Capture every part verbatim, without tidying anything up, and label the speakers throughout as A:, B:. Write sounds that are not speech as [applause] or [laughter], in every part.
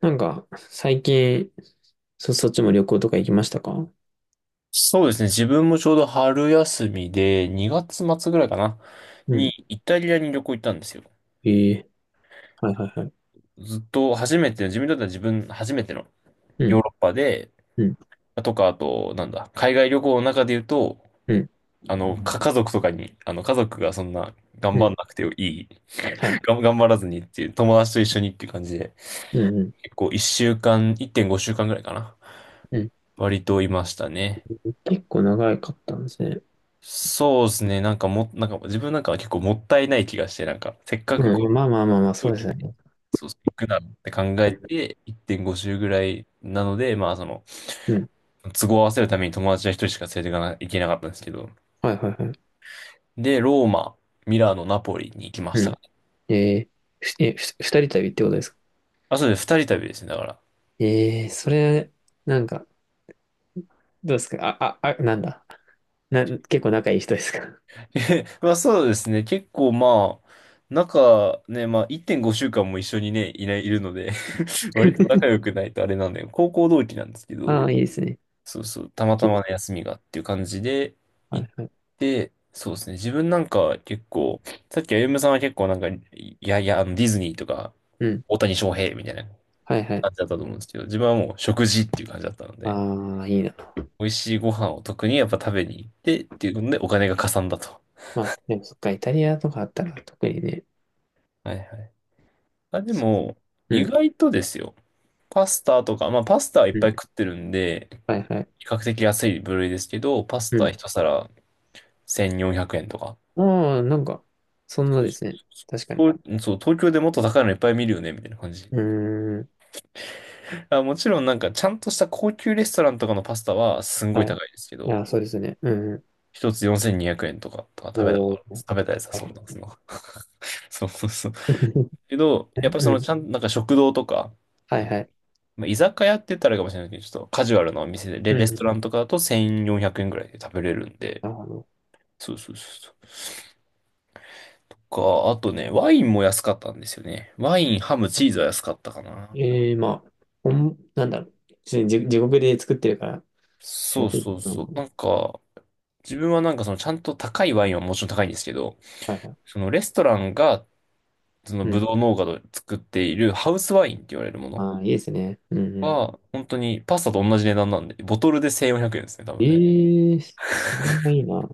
A: なんか、最近、そ、そっちも旅行とか行きましたか？
B: そうですね。自分もちょうど春休みで、にがつ末ぐらいかな、
A: う
B: に
A: ん。
B: イタリアに旅行行ったんですよ。
A: ええ、はいはいはい。
B: ずっと初めて、自分にとっては自分初めての
A: う
B: ヨー
A: ん、
B: ロッパで、
A: うん、
B: とか、あと、なんだ、海外旅行の中で言うと、
A: うん、
B: あの、か家族とかに、あの、家族がそんな頑
A: う
B: 張ん
A: ん。
B: なくていい、
A: はい。
B: [laughs] がん頑張らずにっていう、友達と一緒にっていう感じで、
A: うん、うん、
B: 結構いっしゅうかん、いってんごしゅうかんぐらいかな。
A: うん。
B: 割といましたね。
A: 結構長かったんですね。
B: そうですね。なんかも、なんか自分なんかは結構もったいない気がして、なんか、せっかくこ
A: うん、まあまあまあまあ、
B: 飛
A: そう
B: 行
A: で
B: 機
A: す
B: で、
A: ね。
B: そうそう、行くなって考えて、いってんご周ぐらいなので、まあその、
A: うん。
B: 都合を合わせるために友達は一人しか連れていかな、い行けなかったんですけど。
A: はいはいはい。
B: で、ローマ、ミラノ、ナポリに行きまし
A: う
B: た
A: ん。
B: かね。
A: ええ、ふえ、ふ、二人旅ってことですか？
B: あ、そうです。ふたりたびですね、だから。
A: ええ、それ、なんか、どうですか、あ、あ、あ、なんだ。な、結構仲いい人ですか？
B: [laughs] えまあそうですね。結構まあ、仲ね、まあいってんごしゅうかんも一緒にね、いない、いるので [laughs] 割と仲良
A: [laughs]
B: くないとあれなんで、高校同期なんですけ
A: あ
B: ど、
A: あ、いいですね。
B: そうそう、たまたま
A: き、
B: の休みがっていう感じで
A: は
B: 行っ
A: いはい。
B: て、そうですね、自分なんか結構、さっき歩夢さんは結構なんか、いやいや、あのディズニーとか、
A: うん。
B: 大谷翔平みたいな
A: はいはい。
B: 感じだったと思うんですけど、自分はもう食事っていう感じだったので、
A: ああ、いいな。
B: 美味しいご飯を特にやっぱ食べに行ってっていうのでお金がかさんだと。
A: まあ、でもそっか、イタリアとかあったら特にね。
B: はいはい。あ、でも、
A: う
B: 意
A: ん
B: 外とですよ、パスタとか、まあパスタはいっ
A: う
B: ぱ
A: ん。
B: い食ってるんで、
A: はいはい。
B: 比較的安い部類ですけど、パス
A: う
B: タ
A: ん。
B: ひとさらせんよんひゃくえんとか。
A: ああ、なんか、そんなですね。確かに。
B: 東そう、東京でもっと高いのいっぱい見るよね、みたいな感じ。
A: うーん。
B: あ、もちろんなんか、ちゃんとした高級レストランとかのパスタはすんごい
A: はい。い
B: 高いですけど、
A: や、そうですね。うん。
B: 一つよんせんにひゃくえんとか、とか食べたこと
A: お
B: あるんです。
A: ー。
B: 食べたやつは
A: あ。
B: そうなんですの。[laughs] そうそうそう。
A: [laughs]
B: けど、やっぱり
A: う
B: その、
A: ん。
B: ちゃん、なんか食堂とか、
A: は
B: う
A: い
B: ん
A: はい。
B: まあ、居酒屋って言ったらあれかもしれないけど、ちょっとカジュアルなお店で、レ、
A: う
B: レス
A: ん。
B: トランとかだとせんよんひゃくえんぐらいで食べれるんで、
A: なるほど。
B: そうそうそうそう。とか、あとね、ワインも安かったんですよね。ワイン、ハム、チーズは安かったかな。
A: ええ、まあ、ほん、なんだろう。ちょっと地地獄で作ってるから、や
B: そ
A: っ
B: う
A: ていいか
B: そうそう。なんか、自分はなんかそのちゃんと高いワインはもちろん高いんですけど、
A: な。はいはい。
B: そのレストランがその
A: う
B: ブ
A: ん。
B: ドウ農家で作っているハウスワインって言われるもの
A: ああ、いいですね。うんうん。
B: は、本当にパスタと同じ値段なんで、ボトルでせんよんひゃくえんですね、多分ね。
A: ええ、それもいいな。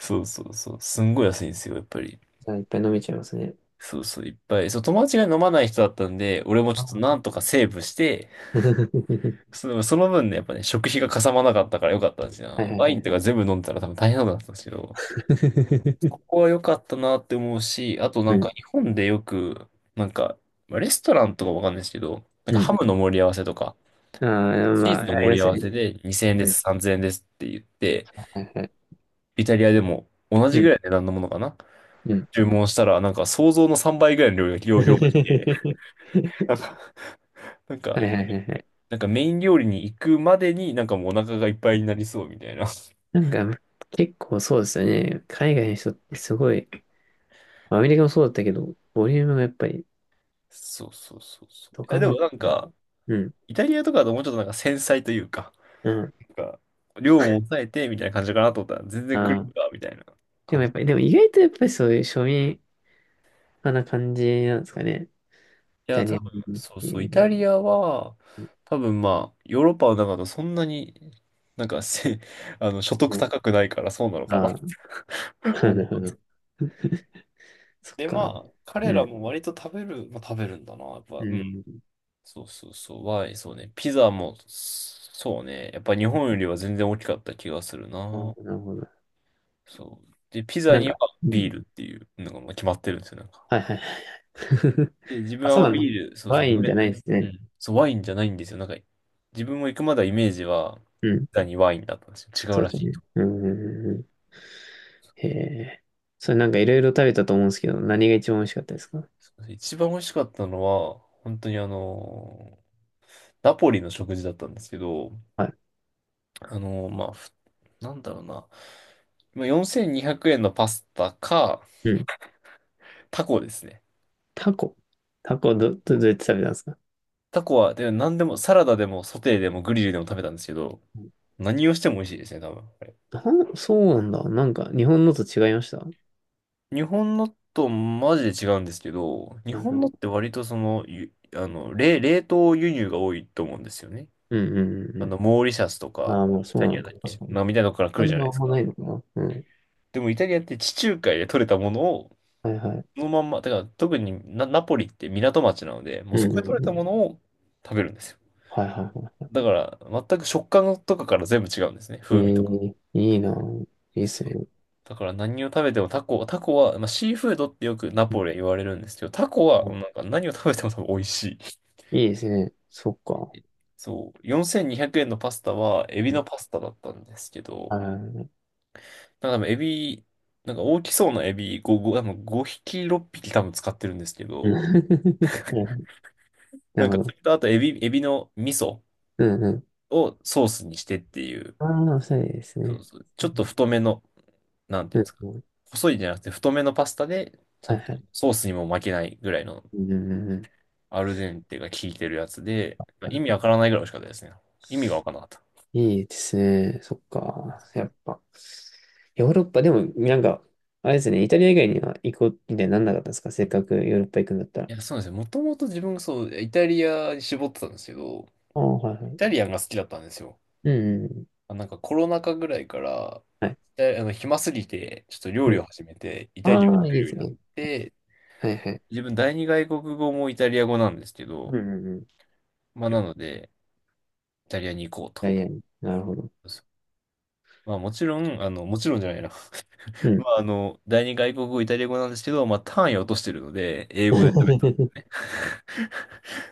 B: そうそうそう。すんごい安いんですよ、やっぱり。
A: じゃあ、いっぱい飲めちゃいますね。
B: そうそう、いっぱい。そう、友達が飲まない人だったんで、俺もちょ
A: あ
B: っと
A: あ。
B: な
A: [laughs]
B: んとかセーブして、
A: は
B: その、その分ね、やっぱね、食費がかさまなかったからよかったんです
A: いはい
B: よ。
A: はい
B: ワ
A: は
B: インと
A: い。
B: か全部飲んでたら多分大変なことだったんですけど、こ
A: [laughs]
B: こは良かったなって思うし、あとな
A: う
B: んか
A: ん。
B: 日本でよく、なんか、まあレストランとかわかんないですけど、なん
A: う
B: かハ
A: ん。
B: ムの盛り合わせとか、
A: ああ、ま
B: チー
A: あ、
B: ズの
A: あり
B: 盛
A: ま
B: り合
A: すよ
B: わ
A: ね。
B: せでにせんえんで
A: うん、
B: す、さんぜんえんですって言って、
A: はいはい。
B: イタリアでも同
A: う
B: じぐ
A: ん、
B: らいの値段のものかな
A: うん。
B: 注文したら、なんか想像のさんばいぐらいの量が、量、量が来て、
A: [laughs]
B: なんか、なん
A: はい
B: か、
A: はいはいはい。
B: なんかメイン料理に行くまでになんかもうお腹がいっぱいになりそうみたいな。
A: なんか、結構そうですよね。海外の人ってすごい、まあアメリカもそうだったけど、ボリュームがやっぱり、
B: そうそうそうそう。い
A: ド
B: や
A: カ
B: でも
A: ン、
B: なんか、
A: うん、
B: イタリアとかだともうちょっとなんか繊細というか、
A: うん。
B: か、量も抑えてみたいな感じかなと思ったら、全然来
A: あ
B: る
A: あ。
B: んだ、みたいな
A: でも
B: 感
A: や
B: じ。
A: っ
B: い
A: ぱり、でも意外とやっぱりそういう庶民派な感じなんですかね。イ
B: や、
A: タ
B: 多
A: リアンっ
B: 分、そう
A: て
B: そう、
A: い
B: イ
A: う
B: タ
A: の。
B: リアは、多分まあ、ヨーロッパの中だそんなに、なんかせ、[laughs] あの、所得
A: うん、
B: 高くないからそうなのかな。
A: ああ、
B: [laughs] う
A: [laughs] な
B: ん。
A: るほど。[laughs] そっ
B: で、ま
A: か。
B: あ、彼
A: う
B: ら
A: ん、
B: も割と食べる、まあ、食べるんだな、やっぱ、
A: う
B: うん。
A: ん。
B: そうそうそう、はい、そうね。ピザも、そうね。やっぱ日本よりは全然大きかった気がする
A: あ
B: な。
A: あ、なるほど。
B: そう。で、ピザ
A: なん
B: には
A: か、うん。
B: ビールっていうのがまあ決まってるんですよ、なんか。
A: はいはいはいはい。[laughs]
B: で、自分
A: あ、
B: は
A: そう
B: まあ
A: なんだ。
B: ビール、そうそ
A: ワ
B: う、飲
A: イン
B: め
A: じゃな
B: な
A: い
B: い。
A: です
B: う
A: ね。
B: ん。そう、ワインじゃないんですよ。なんか、自分も行くまではイメージは、
A: うん。
B: ザにワインだったんですよ。違う
A: そ
B: ら
A: う
B: し
A: だ
B: い
A: ね。
B: と。
A: うん。うんうん、へえ。それなんかいろいろ食べたと思うんですけど、何が一番美味しかったですか？
B: 一番美味しかったのは、本当にあのナポリの食事だったんですけど、
A: はい。
B: あのまあ、ふなんだろうな。まあよんせんにひゃくえんのパスタか、
A: うん。
B: タコですね。
A: タコ。タコど、ど、どうやって食べたんですか？
B: タコは、で、何でも、サラダでも、ソテーでも、グリルでも食べたんですけど、何をしても美味しいですね、多分。
A: なん、そうなんだ。なんか日本のと違いました？は
B: 日本のとマジで違うんですけど、日
A: い
B: 本
A: は
B: のっ
A: い。
B: て割とその、ゆあの、冷、冷凍輸入が多いと思うんですよね。
A: うんうんうん
B: あの、
A: う
B: モーリシャスと
A: ん。あ
B: か、
A: あ、まあ
B: イ
A: そう
B: タ
A: な
B: リア
A: の
B: だ
A: か。
B: っ
A: 確
B: け
A: かに。
B: まあ、みたいなとこから来る
A: 感
B: じゃな
A: 情
B: い
A: は
B: で
A: あん
B: す
A: まな
B: か。
A: いのかな。うん。
B: でもイタリアって地中海で取れたものを、
A: はいはい。
B: そのまんま、だから特にナ、ナポリって港町なので、も
A: う
B: う
A: ん
B: そこ
A: う
B: で取れ
A: んう
B: たも
A: ん。
B: のを食べるんですよ。
A: はいはいは
B: だから、全く食感とかから全部違うんですね。
A: い。え
B: 風味とか。
A: え、いいな。いいです
B: そう
A: ね。
B: だから何を食べてもタコ、タコは、まあ、シーフードってよくナ
A: う
B: ポレ言われるんですけど、タコは
A: ん、
B: なんか何を食べても多分美味しい。
A: いいですね。そっか。
B: そう、よんせんにひゃくえんのパスタはエビ
A: う
B: の
A: ん、
B: パスタだったんですけ
A: は
B: ど、
A: いはいはい。
B: なんか多分エビ、なんか大きそうなエビ5、5、多分ごひき、ろっぴき多分使ってるんですけ
A: う
B: ど、
A: ん。 [laughs] な
B: な
A: る
B: んか
A: ほ
B: そ
A: ど。
B: れとあとエビ、エビの味噌
A: うんうん、
B: をソースにしてっていう、
A: ああ、そうです
B: そう
A: ね。
B: そう、ちょっ
A: う
B: と
A: ん、
B: 太めの、なんてい
A: う
B: うんですか、
A: ん、
B: 細いじゃなくて太めのパスタで、ちゃ
A: はい
B: んと
A: はい。
B: ソースにも負けないぐらいの
A: うんうんうん、
B: アルデンテが効いてるやつで、まあ意味わからないぐらい美味しかったですね。意味がわからなかった。
A: いいですね。そっか。やっぱ。ヨーロッパ、でも、なんか、あれですね、イタリア以外には行こうみたいになんなかったんですか？せっかくヨーロッパ行くんだった
B: い
A: ら。
B: や、そうなんですよ。もともと自分がそう、イタリアに絞ってたんですけど、
A: ああ、はいは
B: イ
A: い。
B: タリアンが好きだったんですよ。
A: うんうんうん。
B: あなんかコロナ禍ぐらいから、
A: はい。
B: イタリあの、暇すぎて、ちょっと料
A: う
B: 理
A: ん。
B: を始めて、イタリアンを
A: ああ、い
B: 作
A: い
B: る
A: で
B: よう
A: す
B: になっ
A: ね。
B: て、
A: はいはい。
B: 自分第二外国語もイタリア語なんですけ
A: う
B: ど、
A: んうんうん。イ
B: まあなので、イタリアに行こう
A: タ
B: と。
A: リアに。なるほど。
B: まあもちろん、あの、もちろんじゃないな。
A: う
B: [laughs] ま
A: ん。
B: ああの、だいにがいこくごイタリア語なんですけど、まあ単位を落としてるので、英語で。
A: [laughs] そ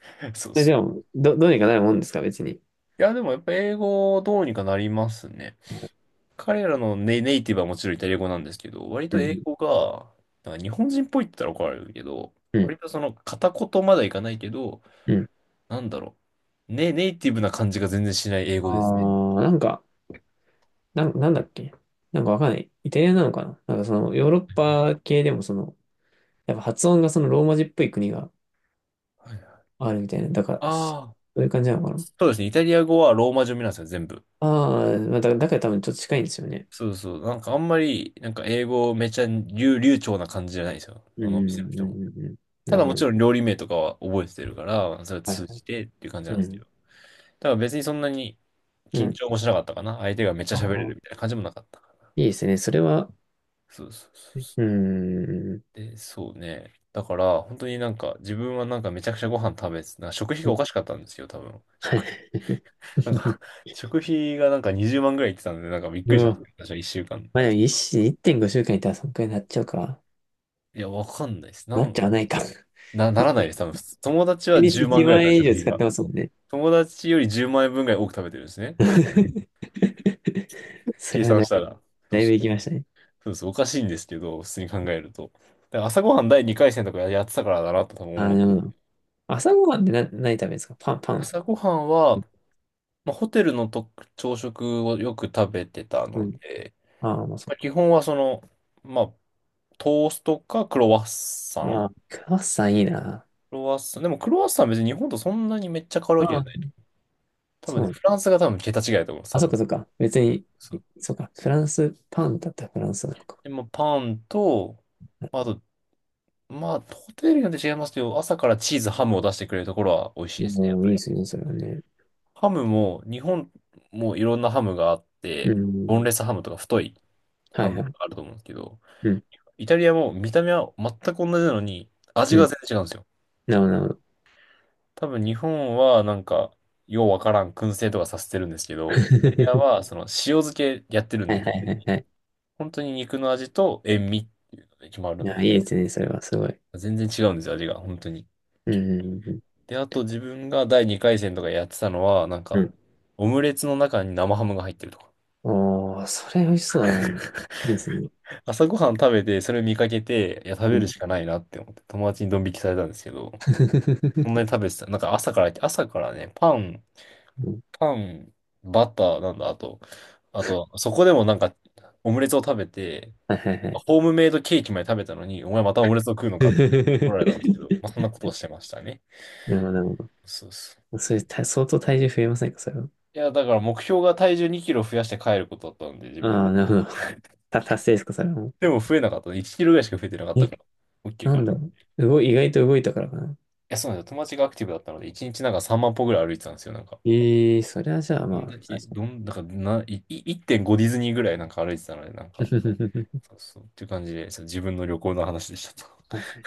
B: [laughs] そう
A: れ
B: そ
A: で
B: う。
A: も、ど、どうにかなるもんですか別に。
B: いや、でもやっぱ英語どうにかなりますね。
A: う
B: 彼らのネ、ネイティブはもちろんイタリア語なんですけど、割と英
A: ん。
B: 語が、なんか日本人っぽいって言ったら怒られるけど、
A: うん。
B: 割とその片言まではいかないけど、
A: うん。
B: なんだろう。ね、ネイティブな感じが全然しない英
A: あ
B: 語ですね。
A: あ、なんか、なん、なんだっけ。なんかわかんない。イタリアなのかな、なんかそのヨーロッパ系でもその、やっぱ発音がそのローマ字っぽい国が
B: はい、
A: あるみたいな。だから、そ
B: ああ、
A: ういう感じなのかな。
B: そうですね。イタリア語はローマ字読みなんですよ、全部。
A: ああー、まあだ、だから多分ちょっと近いんですよね。
B: そうそう。なんかあんまり、なんか英語めちゃ流、流暢な感じじゃないんですよ。
A: う
B: あ
A: ん、
B: のお
A: う
B: 店の
A: ん、う
B: 人も。
A: ん、うん。うん、な
B: た
A: る
B: だ
A: ほ
B: もち
A: ど。
B: ろん料理名とかは覚えてるから、それ
A: はいは
B: 通
A: い。
B: じてっていう感じなん
A: う
B: ですけ
A: ん、
B: ど。だから別にそんなに
A: う
B: 緊
A: ん。
B: 張もしなかったかな。相手がめっちゃ
A: あ
B: 喋れ
A: あ、
B: るみたいな感じもなかったから。
A: いいですね。それは、
B: そうそうそうそ
A: う
B: う。
A: ん。
B: で、そうね。だから、本当になんか、自分はなんかめちゃくちゃご飯食べて、なんか食費がおかしかったんですよ、多分。
A: は
B: 食
A: い。
B: 費、なん
A: [laughs]
B: か食費がなんかにじゅうまんぐらいいってたんで、なんかびっ
A: う
B: くりしたん
A: わ。
B: ですけど、私はいっしゅうかん。
A: まあでも一いってんごしゅうかんいたらそんくらいになっちゃうか。
B: いや、わかんないです。な
A: なっ
B: ん、
A: ちゃわないか。[laughs]
B: な、ならないです、多分。普通友達
A: 1
B: は
A: 日
B: 10
A: 1
B: 万ぐらい
A: 万
B: だった
A: 円以
B: 食
A: 上
B: 費
A: 使っ
B: が。
A: てますもんね。
B: 友達よりじゅうまん円分ぐらい多く食べてるんですね。
A: [laughs]
B: [laughs]
A: [laughs] そ
B: 計
A: れはだ
B: 算
A: い
B: した
A: ぶ、
B: ら。そ
A: だ
B: う
A: いぶ
B: そう。
A: 行きましたね。
B: そうそう、おかしいんですけど、普通に考えると。だから朝ごはんだいにかい戦とかやってたからだなと多分
A: あ
B: 思う。
A: の、朝ごはんってな、何食べるんですか？パン、パン。
B: 朝ごはんは、まあ、ホテルのと朝食をよく食べてた
A: う
B: の
A: ん。
B: で、
A: ああ、まあ、そ
B: ま
A: っ
B: あ、
A: か。
B: 基本はその、まあ、トーストかクロワッサン
A: あ
B: ク
A: あ、クロワッサンいいな。
B: ロワッサン。でもクロワッサンは別に日本とそんなにめっちゃ変わるわけ
A: あ
B: じゃ
A: あ、
B: ない。多分
A: そう
B: ね、
A: なの。
B: フランスが多分桁違いだと思う、
A: あ、
B: 多
A: そっか
B: 分。
A: そっか。別に、
B: そう。
A: そっか。フランス、パンだったらフランスなのか。
B: で、まあ、パンと、まあと、まあ、ホテルによって違いますけど、朝からチーズ、ハムを出してくれるところは美味しいですね、や
A: も
B: っ
A: う
B: ぱ
A: いいで
B: り。
A: すね、それはね。
B: ハムも、日本もいろんなハムがあっ
A: う
B: て、
A: ん。
B: ボンレスハムとか太い
A: は
B: ハ
A: い
B: ムが
A: はい。
B: あると思うんですけど、
A: うん。
B: イタリアも見た目は全く同じなのに、
A: う
B: 味が
A: ん。
B: 全然違うんですよ。
A: なるほど、なるほど。
B: 多分日本はなんか、ようわからん燻製とかさせてるんですけど、イタリア
A: [laughs]
B: はその塩漬けやってるん
A: は
B: で、
A: い
B: 基
A: は
B: 本
A: い
B: 的
A: はい
B: に
A: はい。
B: 本当に肉の味と塩味っていうのが決まる
A: いや、
B: の
A: いいですね、それは、すごい。
B: で、全然違うんですよ、味が、本当に。
A: うん。うんうん
B: で、あと自分がだいにかい戦とかやってたのは、なん
A: う
B: か、
A: ん、
B: オムレツの中に生ハムが入ってるとか。
A: おー、それ美味しそうだな。いいですね。
B: 朝ごはん食べて、それ見かけて、いや、食
A: う
B: べる
A: ん。
B: しかないなって思って、友達にドン引きされたんですけど、
A: [laughs]
B: そんなに食べてた。なんか朝から、朝からね、パン、パン、バター、なんだ、あと、あと、そこでもなんか、オムレツを食べて、
A: はいはいはい。
B: ホームメイドケーキまで食べたのに、お前またオムレツを食うのかって怒られたんですけど、まあ、そん
A: [laughs]
B: なことをしてましたね。
A: なるほど、なるほ
B: そうそう。
A: ど。それ、た、相当体重増えませんか、それは。
B: いや、だから目標が体重にキロ増やして帰ることだったんで、自分
A: ああ、
B: は。
A: なるほど。[laughs] た、達成ですか、それはもう。
B: でも増えなかったね。いちキロぐらいしか増えてなかった
A: え、
B: から、OK
A: な
B: か
A: ん
B: な。
A: だ
B: い
A: ろう。動い、意外と動いたからかな。
B: や、そうなんですよ。友達がアクティブだったので、いちにちなんかさんまん歩ぐらい歩いてたんですよ、なんか。
A: ええー、それはじゃあ、
B: ど
A: まあ、
B: んだけ、
A: 確かに。
B: どん、だからな、い、いいってんごディズニーぐらいなんか歩いてたので、なんか、そうそう。っていう感じで、そう自分の旅行の話でしたと。
A: [laughs] はい